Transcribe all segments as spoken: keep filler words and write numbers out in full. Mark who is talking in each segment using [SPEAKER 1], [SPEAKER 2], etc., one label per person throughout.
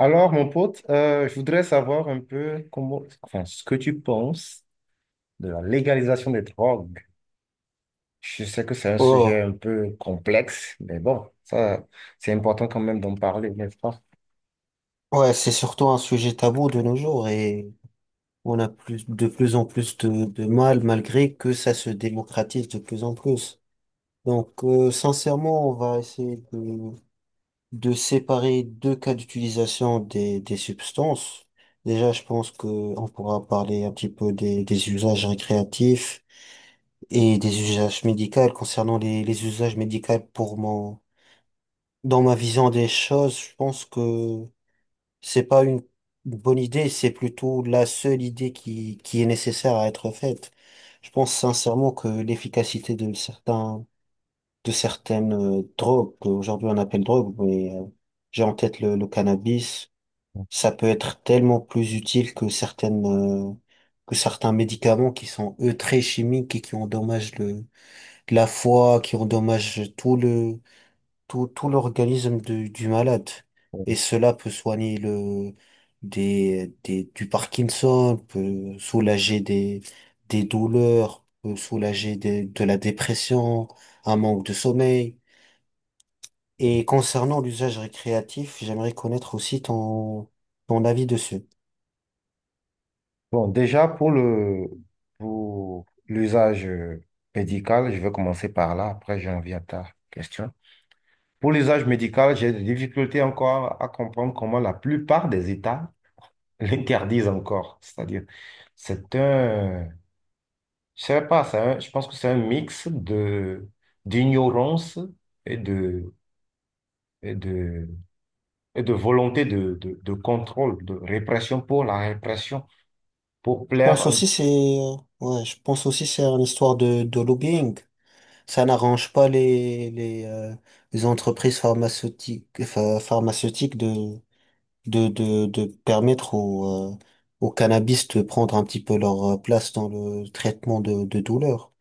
[SPEAKER 1] Alors, mon pote, euh, je voudrais savoir un peu comment, enfin, ce que tu penses de la légalisation des drogues. Je sais que c'est un sujet
[SPEAKER 2] Oh,
[SPEAKER 1] un peu complexe, mais bon, ça, c'est important quand même d'en parler, n'est-ce pas?
[SPEAKER 2] ouais, c'est surtout un sujet tabou de nos jours et on a plus, de plus en plus de, de mal malgré que ça se démocratise de plus en plus. Donc, euh, sincèrement, on va essayer de, de séparer deux cas d'utilisation des, des substances. Déjà, je pense que on pourra parler un petit peu des, des usages récréatifs et des usages médicaux. Concernant les, les usages médicaux, pour mon, dans ma vision des choses, je pense que c'est pas une une bonne idée, c'est plutôt la seule idée qui, qui est nécessaire à être faite. Je pense sincèrement que l'efficacité de certains, de certaines euh, drogues, qu'aujourd'hui on appelle drogue, mais euh, j'ai en tête le, le cannabis, ça peut être tellement plus utile que certaines, euh, que certains médicaments qui sont eux très chimiques et qui endommagent le, la foi, qui endommagent tout le, tout, tout l'organisme du, du malade. Et cela peut soigner le, des, des, du Parkinson, peut soulager des, des douleurs, peut soulager des, de la dépression, un manque de sommeil. Et concernant l'usage récréatif, j'aimerais connaître aussi ton, ton avis dessus.
[SPEAKER 1] Bon, déjà, pour le, pour l'usage médical, je vais commencer par là, après j'en viens à ta question. Pour l'usage médical, j'ai des difficultés encore à comprendre comment la plupart des États l'interdisent encore. C'est-à-dire, c'est un, je sais pas, c'est un- je pense que c'est un mix de d'ignorance et de, et de, et de volonté de, de, de contrôle, de répression pour la répression, pour
[SPEAKER 2] Je
[SPEAKER 1] plaire.
[SPEAKER 2] pense
[SPEAKER 1] un-
[SPEAKER 2] aussi c'est, euh, ouais, je pense aussi c'est une histoire de, de lobbying. Ça n'arrange pas les, les, euh, les entreprises pharmaceutiques, pha- pharmaceutiques de, de, de, de permettre aux, euh, aux cannabis de prendre un petit peu leur euh, place dans le traitement de, de douleur.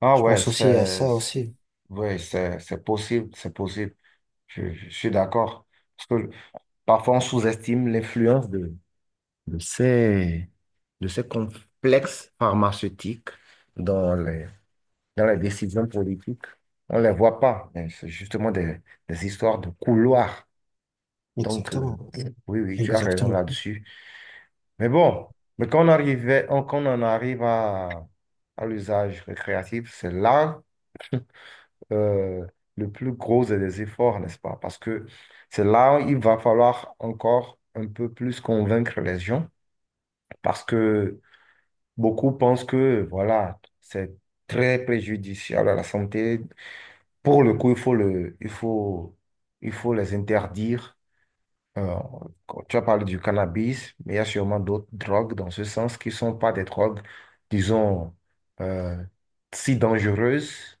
[SPEAKER 1] Ah
[SPEAKER 2] Je
[SPEAKER 1] ouais,
[SPEAKER 2] pense aussi à
[SPEAKER 1] c'est
[SPEAKER 2] ça
[SPEAKER 1] c'est-
[SPEAKER 2] aussi.
[SPEAKER 1] ouais, c'est c'est possible, c'est possible. Je, je suis d'accord. Parce que parfois on sous-estime l'influence de, de ces, de ces complexes pharmaceutiques dans les dans les décisions politiques. On ne les voit pas, mais c'est justement des, des histoires de couloirs. Donc, euh,
[SPEAKER 2] Exactement.
[SPEAKER 1] oui, oui, tu as raison
[SPEAKER 2] Exactement.
[SPEAKER 1] là-dessus. Mais bon, mais quand on arrivait, on- quand on en arrive à, à l'usage récréatif, c'est là euh, le plus gros des efforts, n'est-ce pas? Parce que c'est là où il va falloir encore un peu plus convaincre les gens, parce que beaucoup pensent que, voilà, c'est très préjudiciable à la santé. Pour le coup, il faut le, il faut, il faut les interdire. Euh, tu as parlé du cannabis, mais il y a sûrement d'autres drogues dans ce sens qui ne sont pas des drogues, disons, euh, si dangereuses,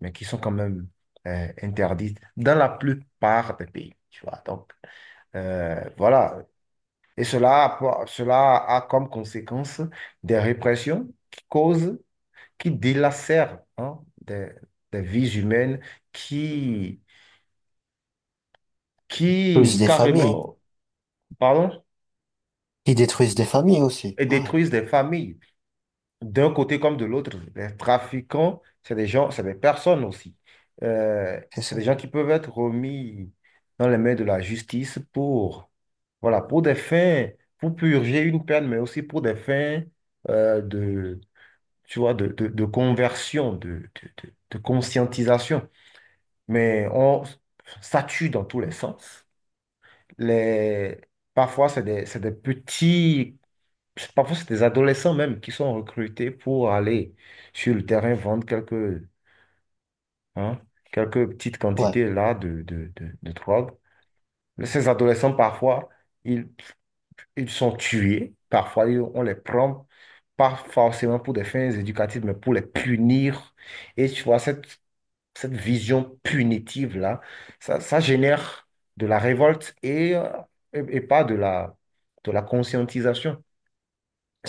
[SPEAKER 1] mais qui sont quand même euh, interdites dans la plupart des pays. Tu vois, donc, euh, voilà. Et cela, a Cela a comme conséquence des répressions qui causent, qui délacèrent hein, des, des vies humaines qui
[SPEAKER 2] Plus
[SPEAKER 1] qui
[SPEAKER 2] des familles.
[SPEAKER 1] carrément, pardon,
[SPEAKER 2] Qui détruisent des familles aussi.
[SPEAKER 1] et
[SPEAKER 2] Ouais,
[SPEAKER 1] détruisent des familles, d'un côté comme de l'autre. Les trafiquants, c'est des gens, c'est des personnes aussi. Euh,
[SPEAKER 2] c'est
[SPEAKER 1] c'est
[SPEAKER 2] ça.
[SPEAKER 1] des gens qui peuvent être remis dans les mains de la justice pour, voilà, pour des fins, pour purger une peine, mais aussi pour des fins euh, de, tu vois, de, de, de conversion, de, de, de- de conscientisation. Mais on, ça tue dans tous les sens. Les, parfois, c'est des, c'est des petits c'est- Parfois, c'est des adolescents même qui sont recrutés pour aller sur le terrain vendre quelques, hein, quelques petites
[SPEAKER 2] Ouais.
[SPEAKER 1] quantités là de, de, de, de drogue. Mais ces adolescents, parfois, ils, ils sont tués. Parfois, ils- on les prend pas forcément pour des fins éducatives, mais pour les punir. Et tu vois, cette, cette vision punitive-là, ça, ça génère de la révolte et, euh, et, et pas de la, de la conscientisation.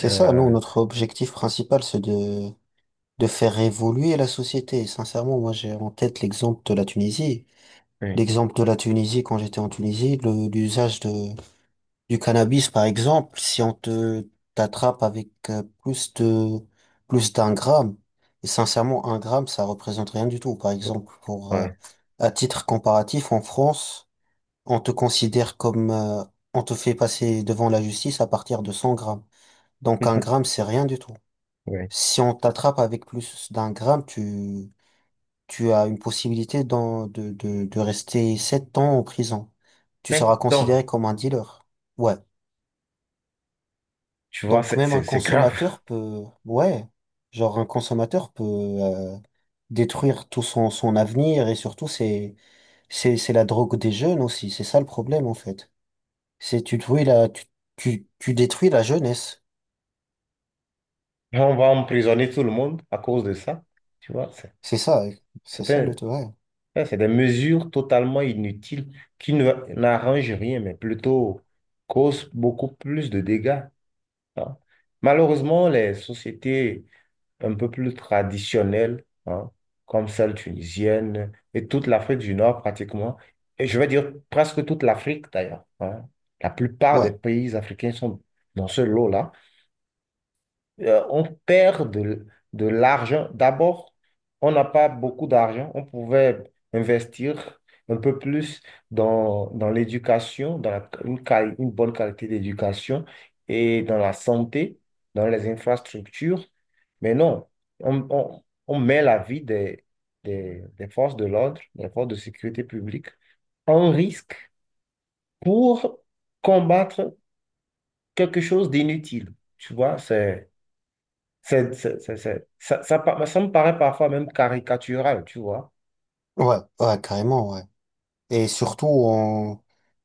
[SPEAKER 2] C'est ça. Nous, notre objectif principal, c'est de, de faire évoluer la société. Et sincèrement, moi, j'ai en tête l'exemple de la Tunisie.
[SPEAKER 1] oui,
[SPEAKER 2] L'exemple de la Tunisie, quand j'étais en Tunisie, le- l'usage de, Du cannabis, par exemple, si on te t'attrape avec euh, plus de plus d'un gramme, et sincèrement, un gramme, ça représente rien du tout. Par exemple, pour euh,
[SPEAKER 1] ouais.
[SPEAKER 2] à titre comparatif, en France, on te considère comme euh, on te fait passer devant la justice à partir de cent grammes. Donc un gramme, c'est rien du tout.
[SPEAKER 1] Oui.
[SPEAKER 2] Si on t'attrape avec plus d'un gramme, tu tu as une possibilité d'en- de de de rester sept ans en prison. Tu seras
[SPEAKER 1] Sept
[SPEAKER 2] considéré
[SPEAKER 1] ans.
[SPEAKER 2] comme un dealer. Ouais.
[SPEAKER 1] Tu vois,
[SPEAKER 2] Donc
[SPEAKER 1] c'est
[SPEAKER 2] même un
[SPEAKER 1] c'est- c'est grave.
[SPEAKER 2] consommateur peut, ouais, genre un consommateur peut euh, détruire tout son, son avenir et surtout c'est c'est c'est la drogue des jeunes aussi, c'est ça le problème en fait. C'est tu détruis la tu, tu, tu détruis la jeunesse.
[SPEAKER 1] On va emprisonner tout le monde à cause de ça. Tu vois, c'est
[SPEAKER 2] C'est ça, ouais. C'est
[SPEAKER 1] c'est
[SPEAKER 2] ça
[SPEAKER 1] un-
[SPEAKER 2] le, ouais.
[SPEAKER 1] ça, c'est des mesures totalement inutiles qui ne- n'arrangent rien, mais plutôt causent beaucoup plus de dégâts. Hein. Malheureusement, les sociétés un peu plus traditionnelles, hein, comme celle tunisienne et toute l'Afrique du Nord pratiquement, et je vais dire presque toute l'Afrique d'ailleurs, hein, la plupart
[SPEAKER 2] Ouais.
[SPEAKER 1] des pays africains sont dans ce lot-là. euh, on perd de, de l'argent. D'abord, on n'a pas beaucoup d'argent. On pouvait investir un peu plus dans, dans l'éducation, dans la- une, quali- une bonne qualité d'éducation et dans la santé, dans les infrastructures. Mais non, on, on- on met la vie des, des, des forces de l'ordre, des forces de sécurité publique en risque pour combattre quelque chose d'inutile. Tu vois, c'est- c'est- c'est- c'est- ça, ça, pa- ça me paraît parfois même caricatural, tu vois.
[SPEAKER 2] Ouais, ouais, carrément ouais. Et surtout on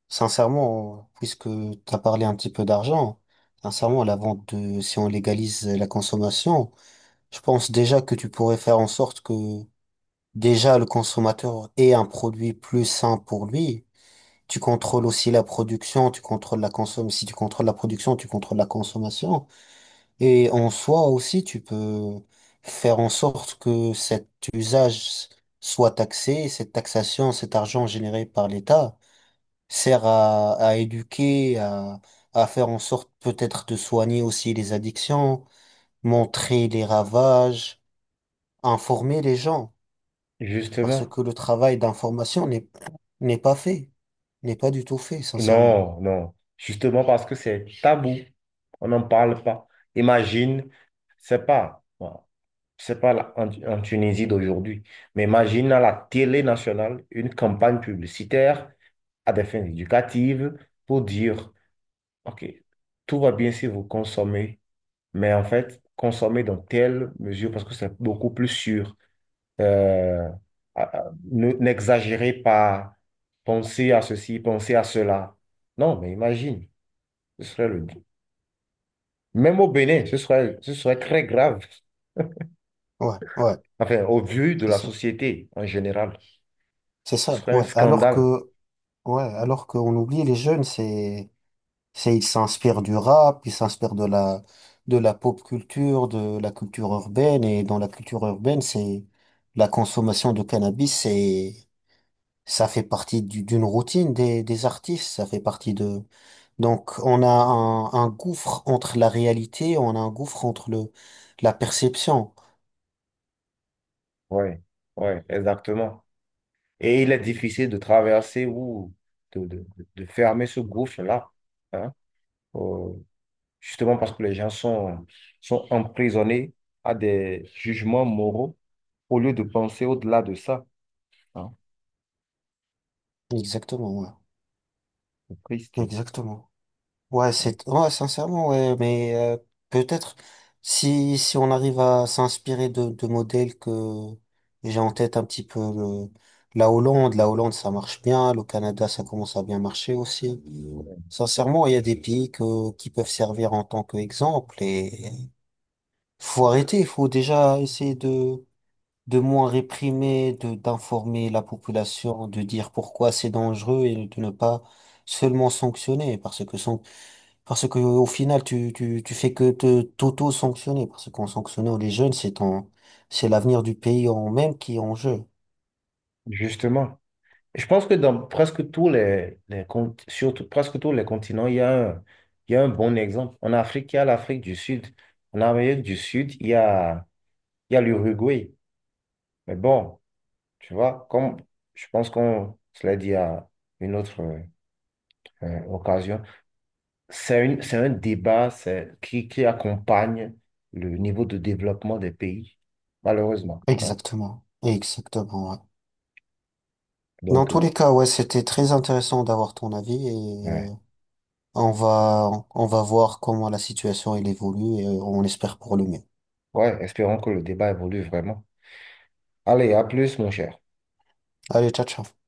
[SPEAKER 2] sincèrement puisque tu as parlé un petit peu d'argent, sincèrement la vente de si on légalise la consommation, je pense déjà que tu pourrais faire en sorte que déjà, le consommateur est un produit plus sain pour lui. Tu contrôles aussi la production, tu contrôles la consommation. Si tu contrôles la production, tu contrôles la consommation. Et en soi aussi, tu peux faire en sorte que cet usage soit taxé, cette taxation, cet argent généré par l'État sert à, à éduquer, à, à faire en sorte peut-être de soigner aussi les addictions, montrer les ravages, informer les gens. Parce
[SPEAKER 1] Justement.
[SPEAKER 2] que le travail d'information n'est n'est pas fait, n'est pas du tout fait, sincèrement.
[SPEAKER 1] Non, non. Justement parce que c'est tabou. On n'en parle pas. Imagine, c'est pas, bon, c'est pas la- en, en Tunisie d'aujourd'hui, mais imagine à la télé nationale une campagne publicitaire à des fins éducatives pour dire, OK, tout va bien si vous consommez, mais en fait, consommez dans telle mesure parce que c'est beaucoup plus sûr. Euh, à- à- ne- N'exagérez pas, pensez à ceci, pensez à cela. Non, mais imagine, ce serait le... même au Bénin, ce serait, ce serait très grave.
[SPEAKER 2] Ouais, ouais,
[SPEAKER 1] Enfin, au vu de
[SPEAKER 2] c'est
[SPEAKER 1] la
[SPEAKER 2] ça,
[SPEAKER 1] société en général,
[SPEAKER 2] c'est
[SPEAKER 1] ce
[SPEAKER 2] ça.
[SPEAKER 1] serait un
[SPEAKER 2] Ouais. Alors
[SPEAKER 1] scandale.
[SPEAKER 2] que, ouais, alors qu'on oublie les jeunes, c'est, c'est ils s'inspirent du rap, ils s'inspirent de la de la pop culture, de la culture urbaine, et dans la culture urbaine, c'est la consommation de cannabis, c'est ça fait partie du- d'une routine des des artistes, ça fait partie de. Donc, on a un, un gouffre entre la réalité, on a un gouffre entre le, la perception.
[SPEAKER 1] Ouais, ouais, exactement. Et il est difficile de traverser ou de, de, de fermer ce gouffre-là, hein, euh, justement parce que les gens sont, sont emprisonnés à des jugements moraux au lieu de penser au-delà de ça. Ah,
[SPEAKER 2] Exactement, ouais.
[SPEAKER 1] c'est triste.
[SPEAKER 2] Exactement. Ouais,
[SPEAKER 1] Ah.
[SPEAKER 2] c'est, ouais, sincèrement, ouais, mais euh, peut-être si, si on arrive à s'inspirer de, de modèles que j'ai en tête un petit peu le- la Hollande, la Hollande, ça marche bien, le Canada, ça commence à bien marcher aussi. Sincèrement, il y a des pays que, qui peuvent servir en tant qu'exemple et faut arrêter, il faut déjà essayer de de moins réprimer, de d'informer la population, de dire pourquoi c'est dangereux et de ne pas seulement sanctionner parce que san- parce que au final tu tu tu fais que te t'auto-sanctionner parce qu'en sanctionnant les jeunes c'est ton c'est l'avenir du pays en même qui est en jeu.
[SPEAKER 1] Justement. Je pense que dans presque tous les, les cont- sur tout- presque tous les continents, il y a un, il y a un bon exemple. En Afrique, il y a l'Afrique du Sud. En Amérique du Sud, il y a, il y a l'Uruguay. Mais bon, tu vois, comme je pense qu'on se l'a dit à une autre euh, occasion, c'est une, c'est un débat c'est, qui, qui accompagne le niveau de développement des pays, malheureusement. Hein.
[SPEAKER 2] Exactement. Exactement. Ouais. Dans
[SPEAKER 1] Donc,
[SPEAKER 2] tous
[SPEAKER 1] euh,
[SPEAKER 2] les cas, ouais, c'était très intéressant d'avoir ton avis
[SPEAKER 1] ouais.
[SPEAKER 2] et on va on va voir comment la situation elle évolue et on espère pour le mieux.
[SPEAKER 1] Ouais, espérons que le débat évolue vraiment. Allez, à plus, mon cher.
[SPEAKER 2] Allez, ciao, ciao.